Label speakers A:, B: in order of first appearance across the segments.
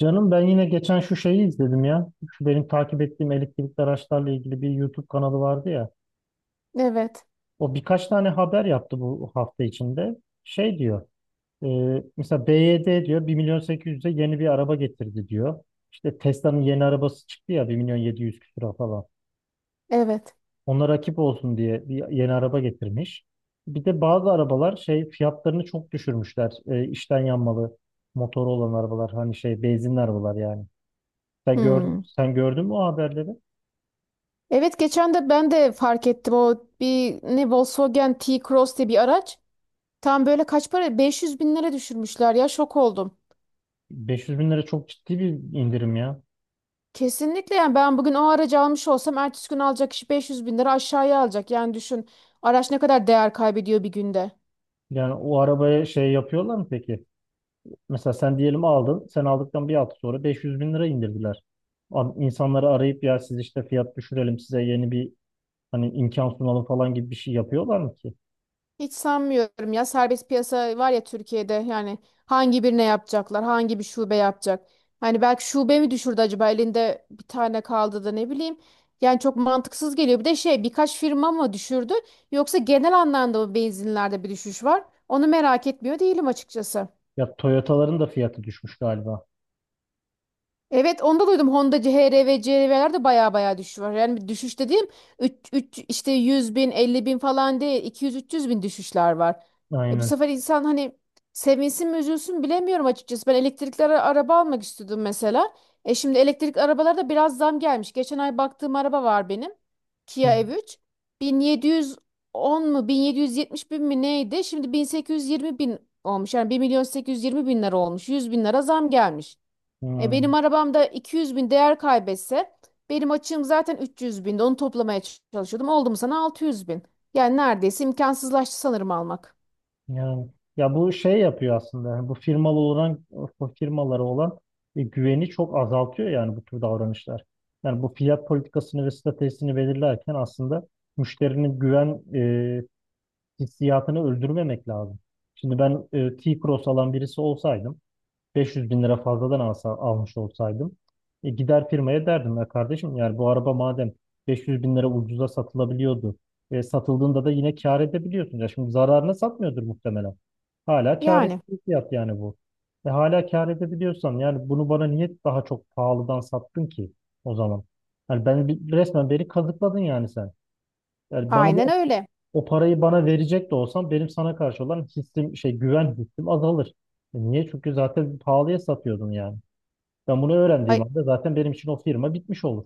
A: Canım ben yine geçen şu şeyi izledim ya. Şu benim takip ettiğim elektrikli araçlarla ilgili bir YouTube kanalı vardı ya.
B: Evet,
A: O birkaç tane haber yaptı bu hafta içinde. Şey diyor. e, Mesela BYD diyor bir milyon sekiz yüz'e yeni bir araba getirdi diyor. İşte Tesla'nın yeni arabası çıktı ya bir milyon 700 küsura falan.
B: evet.
A: Ona rakip olsun diye bir yeni araba getirmiş. Bir de bazı arabalar şey fiyatlarını çok düşürmüşler. İçten yanmalı motoru olan arabalar hani şey benzinli arabalar yani. Sen gör,
B: Hmm.
A: sen gördün mü o haberleri?
B: Evet geçen de ben de fark ettim o bir ne Volkswagen T-Cross diye bir araç. Tam böyle kaç para? 500 bin lira düşürmüşler ya şok oldum.
A: 500 bin lira çok ciddi bir indirim ya.
B: Kesinlikle yani ben bugün o aracı almış olsam ertesi gün alacak kişi 500 bin lira aşağıya alacak. Yani düşün araç ne kadar değer kaybediyor bir günde.
A: Yani o arabaya şey yapıyorlar mı peki? Mesela sen diyelim aldın. Sen aldıktan bir hafta sonra 500 bin lira indirdiler. Abi İnsanları arayıp ya siz işte fiyat düşürelim size yeni bir hani imkan sunalım falan gibi bir şey yapıyorlar mı ki?
B: Hiç sanmıyorum ya serbest piyasa var ya Türkiye'de yani hangi birine yapacaklar hangi bir şube yapacak. Hani belki şube mi düşürdü acaba elinde bir tane kaldı da ne bileyim. Yani çok mantıksız geliyor. Bir de şey birkaç firma mı düşürdü yoksa genel anlamda mı benzinlerde bir düşüş var? Onu merak etmiyor değilim açıkçası.
A: Ya Toyota'ların da fiyatı düşmüş galiba.
B: Evet onu da duydum. Honda HR ve CRV'ler de baya baya düşüş var. Yani bir düşüş dediğim 3, 3, işte 100 bin 50 bin falan değil 200-300 bin düşüşler var. E bu
A: Aynen.
B: sefer insan hani sevinsin mi üzülsün bilemiyorum açıkçası. Ben elektrikli araba almak istiyordum mesela. E şimdi elektrikli arabalarda biraz zam gelmiş. Geçen ay baktığım araba var benim. Kia
A: Hı.
B: EV3. 1710 mu 1770 bin mi neydi? Şimdi 1820 bin olmuş. Yani bir milyon 820 bin lira olmuş. 100 bin lira zam gelmiş. E
A: Hı.
B: benim arabamda 200 bin değer kaybetse benim açığım zaten 300 binde onu toplamaya çalışıyordum. Oldu mu sana 600 bin. Yani neredeyse imkansızlaştı sanırım almak.
A: Yani, ya bu şey yapıyor aslında. Yani bu firmalara olan güveni çok azaltıyor yani bu tür davranışlar. Yani bu fiyat politikasını ve stratejisini belirlerken aslında müşterinin güven hissiyatını öldürmemek lazım. Şimdi ben, T-Cross alan birisi olsaydım, 500 bin lira fazladan almış olsaydım, gider firmaya derdim ya kardeşim, yani bu araba madem 500 bin lira ucuza satılabiliyordu, satıldığında da yine kâr edebiliyorsun ya, şimdi zararına satmıyordur muhtemelen, hala kâr
B: Yani
A: ettiği fiyat yani bu. Hala kâr edebiliyorsan, yani bunu bana niye daha çok pahalıdan sattın ki o zaman? Yani ben resmen, beni kazıkladın yani sen, yani bana
B: aynen öyle.
A: o parayı bana verecek de olsam, benim sana karşı olan hissim şey, güven hissim azalır. Niye? Çünkü zaten pahalıya satıyordun yani. Ben bunu öğrendiğim anda zaten benim için o firma bitmiş olur.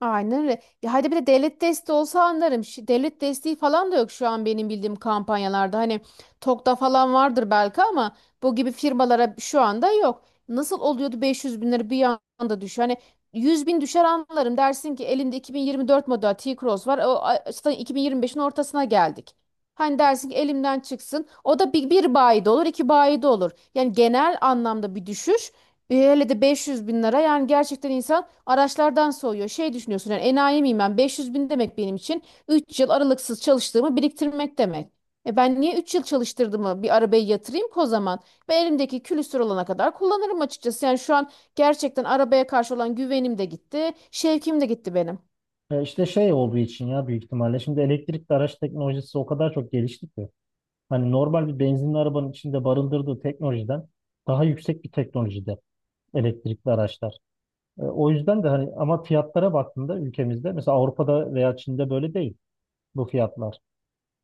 B: Aynen öyle. Ya hadi bir de devlet desteği olsa anlarım. Devlet desteği falan da yok şu an benim bildiğim kampanyalarda. Hani TOKİ'da falan vardır belki ama bu gibi firmalara şu anda yok. Nasıl oluyordu 500 bin lira bir anda düşüyor? Hani 100 bin düşer anlarım. Dersin ki elinde 2024 model T-Cross var. O, zaten 2025'in ortasına geldik. Hani dersin ki elimden çıksın. O da bir bayide olur, iki bayide olur. Yani genel anlamda bir düşüş. Hele de 500 bin lira yani gerçekten insan araçlardan soğuyor. Şey düşünüyorsun yani enayi miyim ben 500 bin demek benim için 3 yıl aralıksız çalıştığımı biriktirmek demek. E ben niye 3 yıl çalıştırdığımı bir arabaya yatırayım ki o zaman? Ben elimdeki külüstür olana kadar kullanırım açıkçası. Yani şu an gerçekten arabaya karşı olan güvenim de gitti, şevkim de gitti benim.
A: İşte şey olduğu için ya, büyük ihtimalle şimdi elektrikli araç teknolojisi o kadar çok gelişti ki. Hani normal bir benzinli arabanın içinde barındırdığı teknolojiden daha yüksek bir teknolojide elektrikli araçlar. O yüzden de hani, ama fiyatlara baktığında ülkemizde, mesela Avrupa'da veya Çin'de böyle değil bu fiyatlar.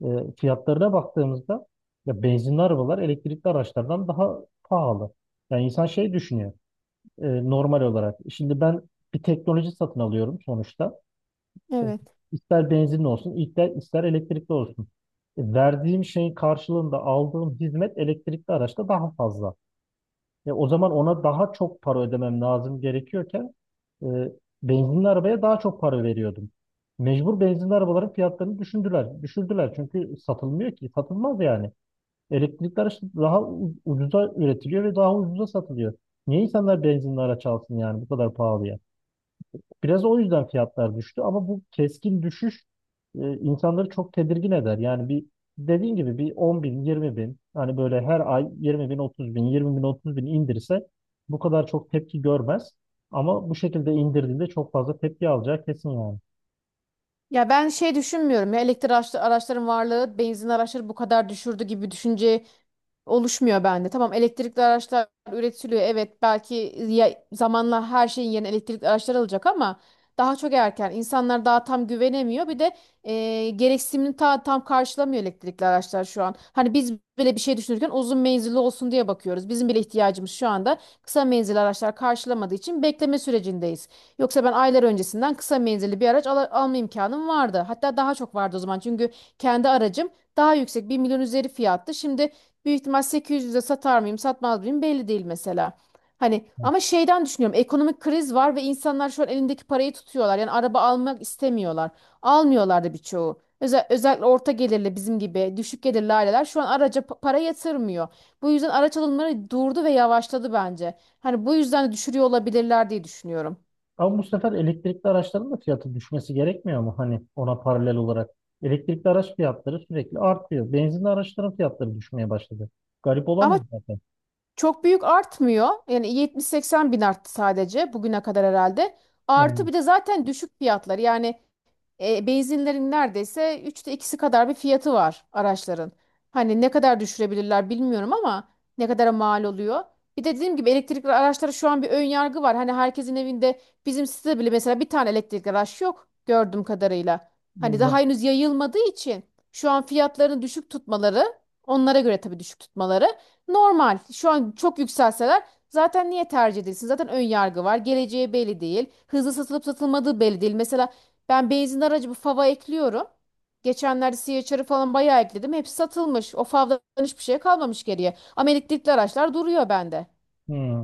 A: E, Fiyatlarına baktığımızda ya benzinli arabalar elektrikli araçlardan daha pahalı. Yani insan şey düşünüyor normal olarak. Şimdi ben bir teknoloji satın alıyorum sonuçta. E,
B: Evet.
A: İster benzinli olsun, ister elektrikli olsun. Verdiğim şeyin karşılığında aldığım hizmet elektrikli araçta daha fazla. Ya o zaman ona daha çok para ödemem lazım gerekiyorken, e, benzinli arabaya daha çok para veriyordum. Mecbur benzinli arabaların fiyatlarını düşündüler. Düşürdüler çünkü satılmıyor ki. Satılmaz yani. Elektrikli araç daha ucuza üretiliyor ve daha ucuza satılıyor. Niye insanlar benzinli araç alsın yani bu kadar pahalıya? Biraz o yüzden fiyatlar düştü ama bu keskin düşüş insanları çok tedirgin eder. Yani bir, dediğin gibi, bir 10 bin, 20 bin hani böyle her ay 20 bin, 30 bin, 20 bin, 30 bin indirse bu kadar çok tepki görmez. Ama bu şekilde indirdiğinde çok fazla tepki alacağı kesin yani.
B: Ya ben şey düşünmüyorum ya elektrik araçların varlığı benzin araçları bu kadar düşürdü gibi düşünce oluşmuyor bende. Tamam elektrikli araçlar üretiliyor evet belki zamanla her şeyin yerine elektrikli araçlar alacak ama daha çok erken. İnsanlar daha tam güvenemiyor bir de gereksinimini tam karşılamıyor elektrikli araçlar şu an. Hani biz bile bir şey düşünürken uzun menzilli olsun diye bakıyoruz. Bizim bile ihtiyacımız şu anda kısa menzilli araçlar karşılamadığı için bekleme sürecindeyiz. Yoksa ben aylar öncesinden kısa menzilli bir araç alma imkanım vardı. Hatta daha çok vardı o zaman. Çünkü kendi aracım daha yüksek bir milyon üzeri fiyattı. Şimdi büyük ihtimal 800'e satar mıyım, satmaz mıyım belli değil mesela. Hani ama şeyden düşünüyorum. Ekonomik kriz var ve insanlar şu an elindeki parayı tutuyorlar. Yani araba almak istemiyorlar. Almıyorlar da birçoğu. Özellikle orta gelirli bizim gibi düşük gelirli aileler şu an araca para yatırmıyor. Bu yüzden araç alımları durdu ve yavaşladı bence. Hani bu yüzden de düşürüyor olabilirler diye düşünüyorum.
A: Ama bu sefer elektrikli araçların da fiyatı düşmesi gerekmiyor mu? Hani ona paralel olarak. Elektrikli araç fiyatları sürekli artıyor. Benzinli araçların fiyatları düşmeye başladı. Garip olan bu
B: Ama
A: zaten.
B: çok büyük artmıyor. Yani 70-80 bin arttı sadece bugüne kadar herhalde. Artı
A: Yani,
B: bir de zaten düşük fiyatlar. Yani benzinlerin neredeyse üçte ikisi kadar bir fiyatı var araçların. Hani ne kadar düşürebilirler bilmiyorum ama ne kadara mal oluyor. Bir de dediğim gibi elektrikli araçlara şu an bir ön yargı var. Hani herkesin evinde bizim sitede bile mesela bir tane elektrikli araç yok gördüğüm kadarıyla. Hani daha
A: yok.
B: henüz yayılmadığı için şu an fiyatlarını düşük tutmaları onlara göre tabii düşük tutmaları normal. Şu an çok yükselseler zaten niye tercih edilsin? Zaten ön yargı var. Geleceği belli değil. Hızlı satılıp satılmadığı belli değil. Mesela ben benzin aracı bu fava ekliyorum. Geçenlerde CHR'ı falan bayağı ekledim. Hepsi satılmış. O favdan hiçbir şey kalmamış geriye. Ama elektrikli araçlar duruyor bende.
A: Hmm.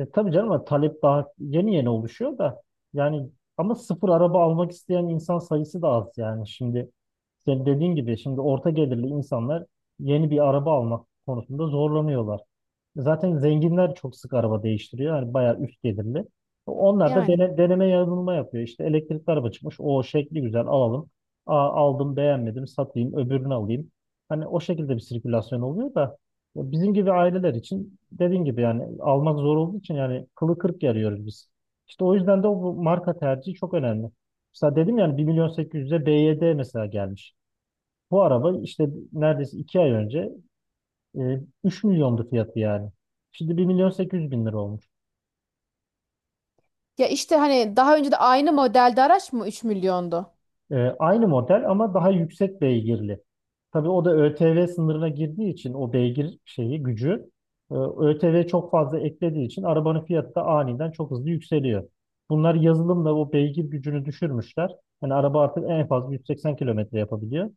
A: Tabii canım, ama talep daha yeni yeni oluşuyor da yani. Ama sıfır araba almak isteyen insan sayısı da az yani. Şimdi senin dediğin gibi, şimdi orta gelirli insanlar yeni bir araba almak konusunda zorlanıyorlar. Zaten zenginler çok sık araba değiştiriyor. Yani bayağı üst gelirli. Onlar da
B: Yani.
A: deneme yanılma yapıyor. İşte elektrikli araba çıkmış. O şekli güzel alalım. Aa, aldım beğenmedim, satayım öbürünü alayım. Hani o şekilde bir sirkülasyon oluyor da, ya bizim gibi aileler için dediğin gibi yani almak zor olduğu için, yani kılı kırk yarıyoruz biz. İşte o yüzden de bu marka tercihi çok önemli. Mesela dedim yani, bir milyon 800'e BYD mesela gelmiş. Bu araba işte neredeyse 2 ay önce e, 3 milyondu fiyatı yani. Şimdi 1 milyon 800 bin lira olmuş.
B: Ya işte hani daha önce de aynı modelde araç mı 3 milyondu?
A: Aynı model ama daha yüksek beygirli. Tabii o da ÖTV sınırına girdiği için, o beygir şeyi, gücü, ÖTV çok fazla eklediği için arabanın fiyatı da aniden çok hızlı yükseliyor. Bunlar yazılımla o beygir gücünü düşürmüşler. Yani araba artık en fazla 180 kilometre yapabiliyor.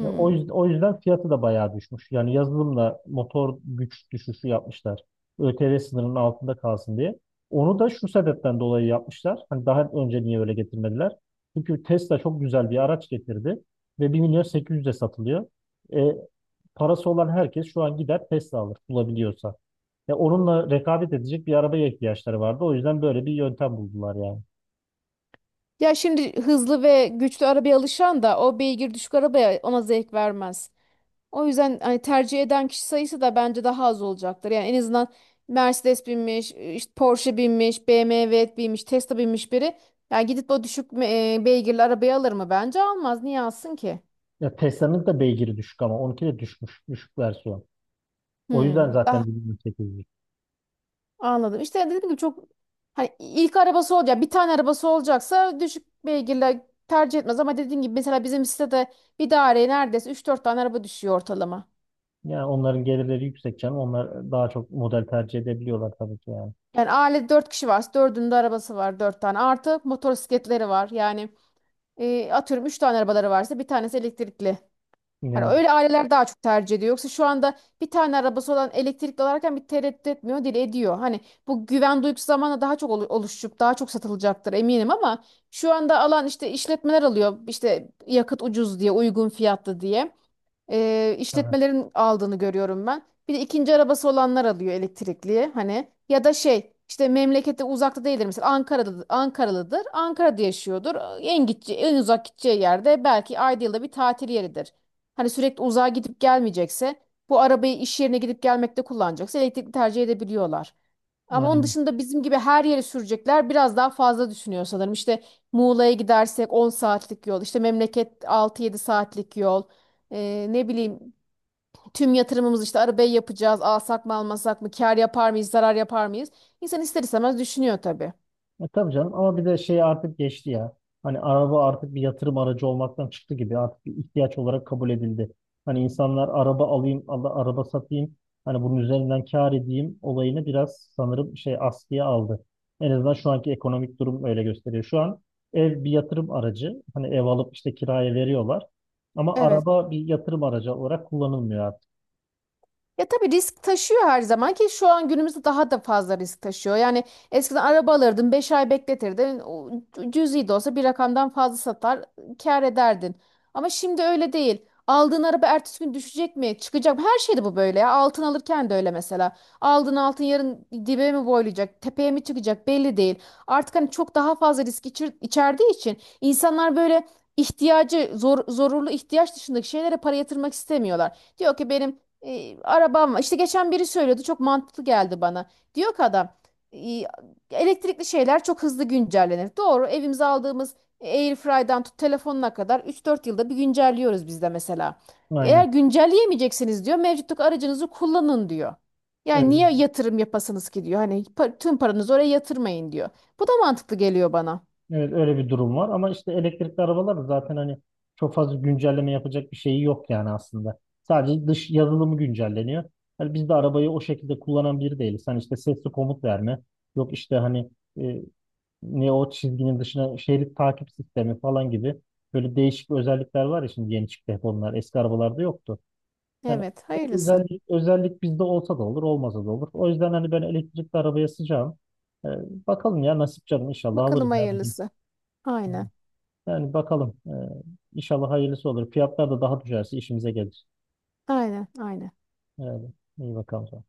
A: Ya O yüzden, o yüzden fiyatı da bayağı düşmüş. Yani yazılımla motor güç düşüşü yapmışlar. ÖTV sınırının altında kalsın diye. Onu da şu sebepten dolayı yapmışlar. Hani daha önce niye öyle getirmediler? Çünkü Tesla çok güzel bir araç getirdi ve bir milyon 800'e satılıyor. E, Parası olan herkes şu an gider Tesla alır bulabiliyorsa. Ya onunla rekabet edecek bir arabaya ihtiyaçları vardı. O yüzden böyle bir yöntem buldular yani.
B: Ya şimdi hızlı ve güçlü arabaya alışan da o beygir düşük arabaya ona zevk vermez. O yüzden hani tercih eden kişi sayısı da bence daha az olacaktır. Yani en azından Mercedes binmiş, işte Porsche binmiş, BMW binmiş, Tesla binmiş biri. Yani gidip o düşük beygirli arabayı alır mı? Bence almaz. Niye alsın ki?
A: Ya Tesla'nın da beygiri düşük, ama onunki de düşmüş, düşük versiyon. O yüzden
B: Hmm, daha
A: zaten bir milyon sekiz.
B: anladım. İşte dediğim gibi çok hani ilk arabası olacak, bir tane arabası olacaksa düşük beygirli tercih etmez. Ama dediğim gibi mesela bizim sitede bir daireye neredeyse üç dört tane araba düşüyor ortalama.
A: Yani onların gelirleri yüksek canım. Onlar daha çok model tercih edebiliyorlar tabii ki yani.
B: Yani ailede 4 kişi varsa 4'ünün de arabası var 4 tane. Artı motosikletleri var. Yani atıyorum 3 tane arabaları varsa bir tanesi elektrikli. Hani
A: Yine
B: öyle aileler daha çok tercih ediyor. Yoksa şu anda bir tane arabası olan elektrikli alırken bir tereddüt etmiyor, dil ediyor. Hani bu güven duygusu zamanla daha çok oluşup daha çok satılacaktır eminim ama şu anda alan işte işletmeler alıyor. İşte yakıt ucuz diye, uygun fiyatlı diye
A: tabii.
B: işletmelerin aldığını görüyorum ben. Bir de ikinci arabası olanlar alıyor elektrikli hani ya da şey işte memlekette uzakta değildir mesela Ankara'da Ankaralıdır Ankara'da yaşıyordur en gideceği en uzak gideceği yerde belki ayda yılda bir tatil yeridir. Hani sürekli uzağa gidip gelmeyecekse bu arabayı iş yerine gidip gelmekte kullanacaksa elektrikli tercih edebiliyorlar. Ama onun
A: Aynen.
B: dışında bizim gibi her yere sürecekler biraz daha fazla düşünüyor sanırım. İşte Muğla'ya gidersek 10 saatlik yol, işte memleket 6-7 saatlik yol. Ne bileyim tüm yatırımımız işte arabayı yapacağız, alsak mı almasak mı, kar yapar mıyız, zarar yapar mıyız? İnsan ister istemez düşünüyor tabii.
A: Tabii canım, ama bir de şey, artık geçti ya. Hani araba artık bir yatırım aracı olmaktan çıktı gibi. Artık bir ihtiyaç olarak kabul edildi. Hani insanlar araba alayım, Allah araba satayım, hani bunun üzerinden kâr edeyim olayını biraz sanırım şey askıya aldı. En azından şu anki ekonomik durum öyle gösteriyor. Şu an ev bir yatırım aracı. Hani ev alıp işte kiraya veriyorlar. Ama
B: Evet.
A: araba bir yatırım aracı olarak kullanılmıyor artık.
B: Ya tabii risk taşıyor her zaman ki şu an günümüzde daha da fazla risk taşıyor. Yani eskiden araba alırdın 5 ay bekletirdin o cüzi de olsa bir rakamdan fazla satar kâr ederdin. Ama şimdi öyle değil. Aldığın araba ertesi gün düşecek mi çıkacak mı her şeyde bu böyle ya altın alırken de öyle mesela. Aldığın altın yarın dibe mi boylayacak tepeye mi çıkacak belli değil. Artık hani çok daha fazla risk içerdiği için insanlar böyle ihtiyacı zorunlu ihtiyaç dışındaki şeylere para yatırmak istemiyorlar. Diyor ki benim arabam var. İşte geçen biri söylüyordu çok mantıklı geldi bana. Diyor ki adam e, elektrikli şeyler çok hızlı güncellenir. Doğru evimize aldığımız Airfry'dan tut telefonuna kadar 3-4 yılda bir güncelliyoruz biz de mesela. Eğer
A: Aynen.
B: güncelleyemeyeceksiniz diyor mevcuttaki aracınızı kullanın diyor. Yani
A: Evet,
B: niye yatırım yapasınız ki diyor. Hani tüm paranızı oraya yatırmayın diyor. Bu da mantıklı geliyor bana.
A: evet, öyle bir durum var, ama işte elektrikli arabalar da zaten hani çok fazla güncelleme yapacak bir şeyi yok yani aslında. Sadece dış yazılımı güncelleniyor. Hani biz de arabayı o şekilde kullanan biri değiliz. Hani işte sesli komut verme, yok işte hani, e, ne, o çizginin dışına, şerit takip sistemi falan gibi böyle değişik özellikler var ya, şimdi yeni çıktı hep onlar. Eski arabalarda yoktu. Hani
B: Evet
A: o
B: hayırlısı.
A: özellik bizde olsa da olur, olmasa da olur. O yüzden hani ben elektrikli arabaya sıcağım. Ee, Bakalım ya, nasip canım, inşallah alırız
B: Bakalım
A: ya bir gün.
B: hayırlısı.
A: Yani
B: Aynen
A: yani bakalım. İnşallah hayırlısı olur. Fiyatlar da daha düşerse işimize gelir.
B: aynen aynen.
A: Yani iyi bakalım.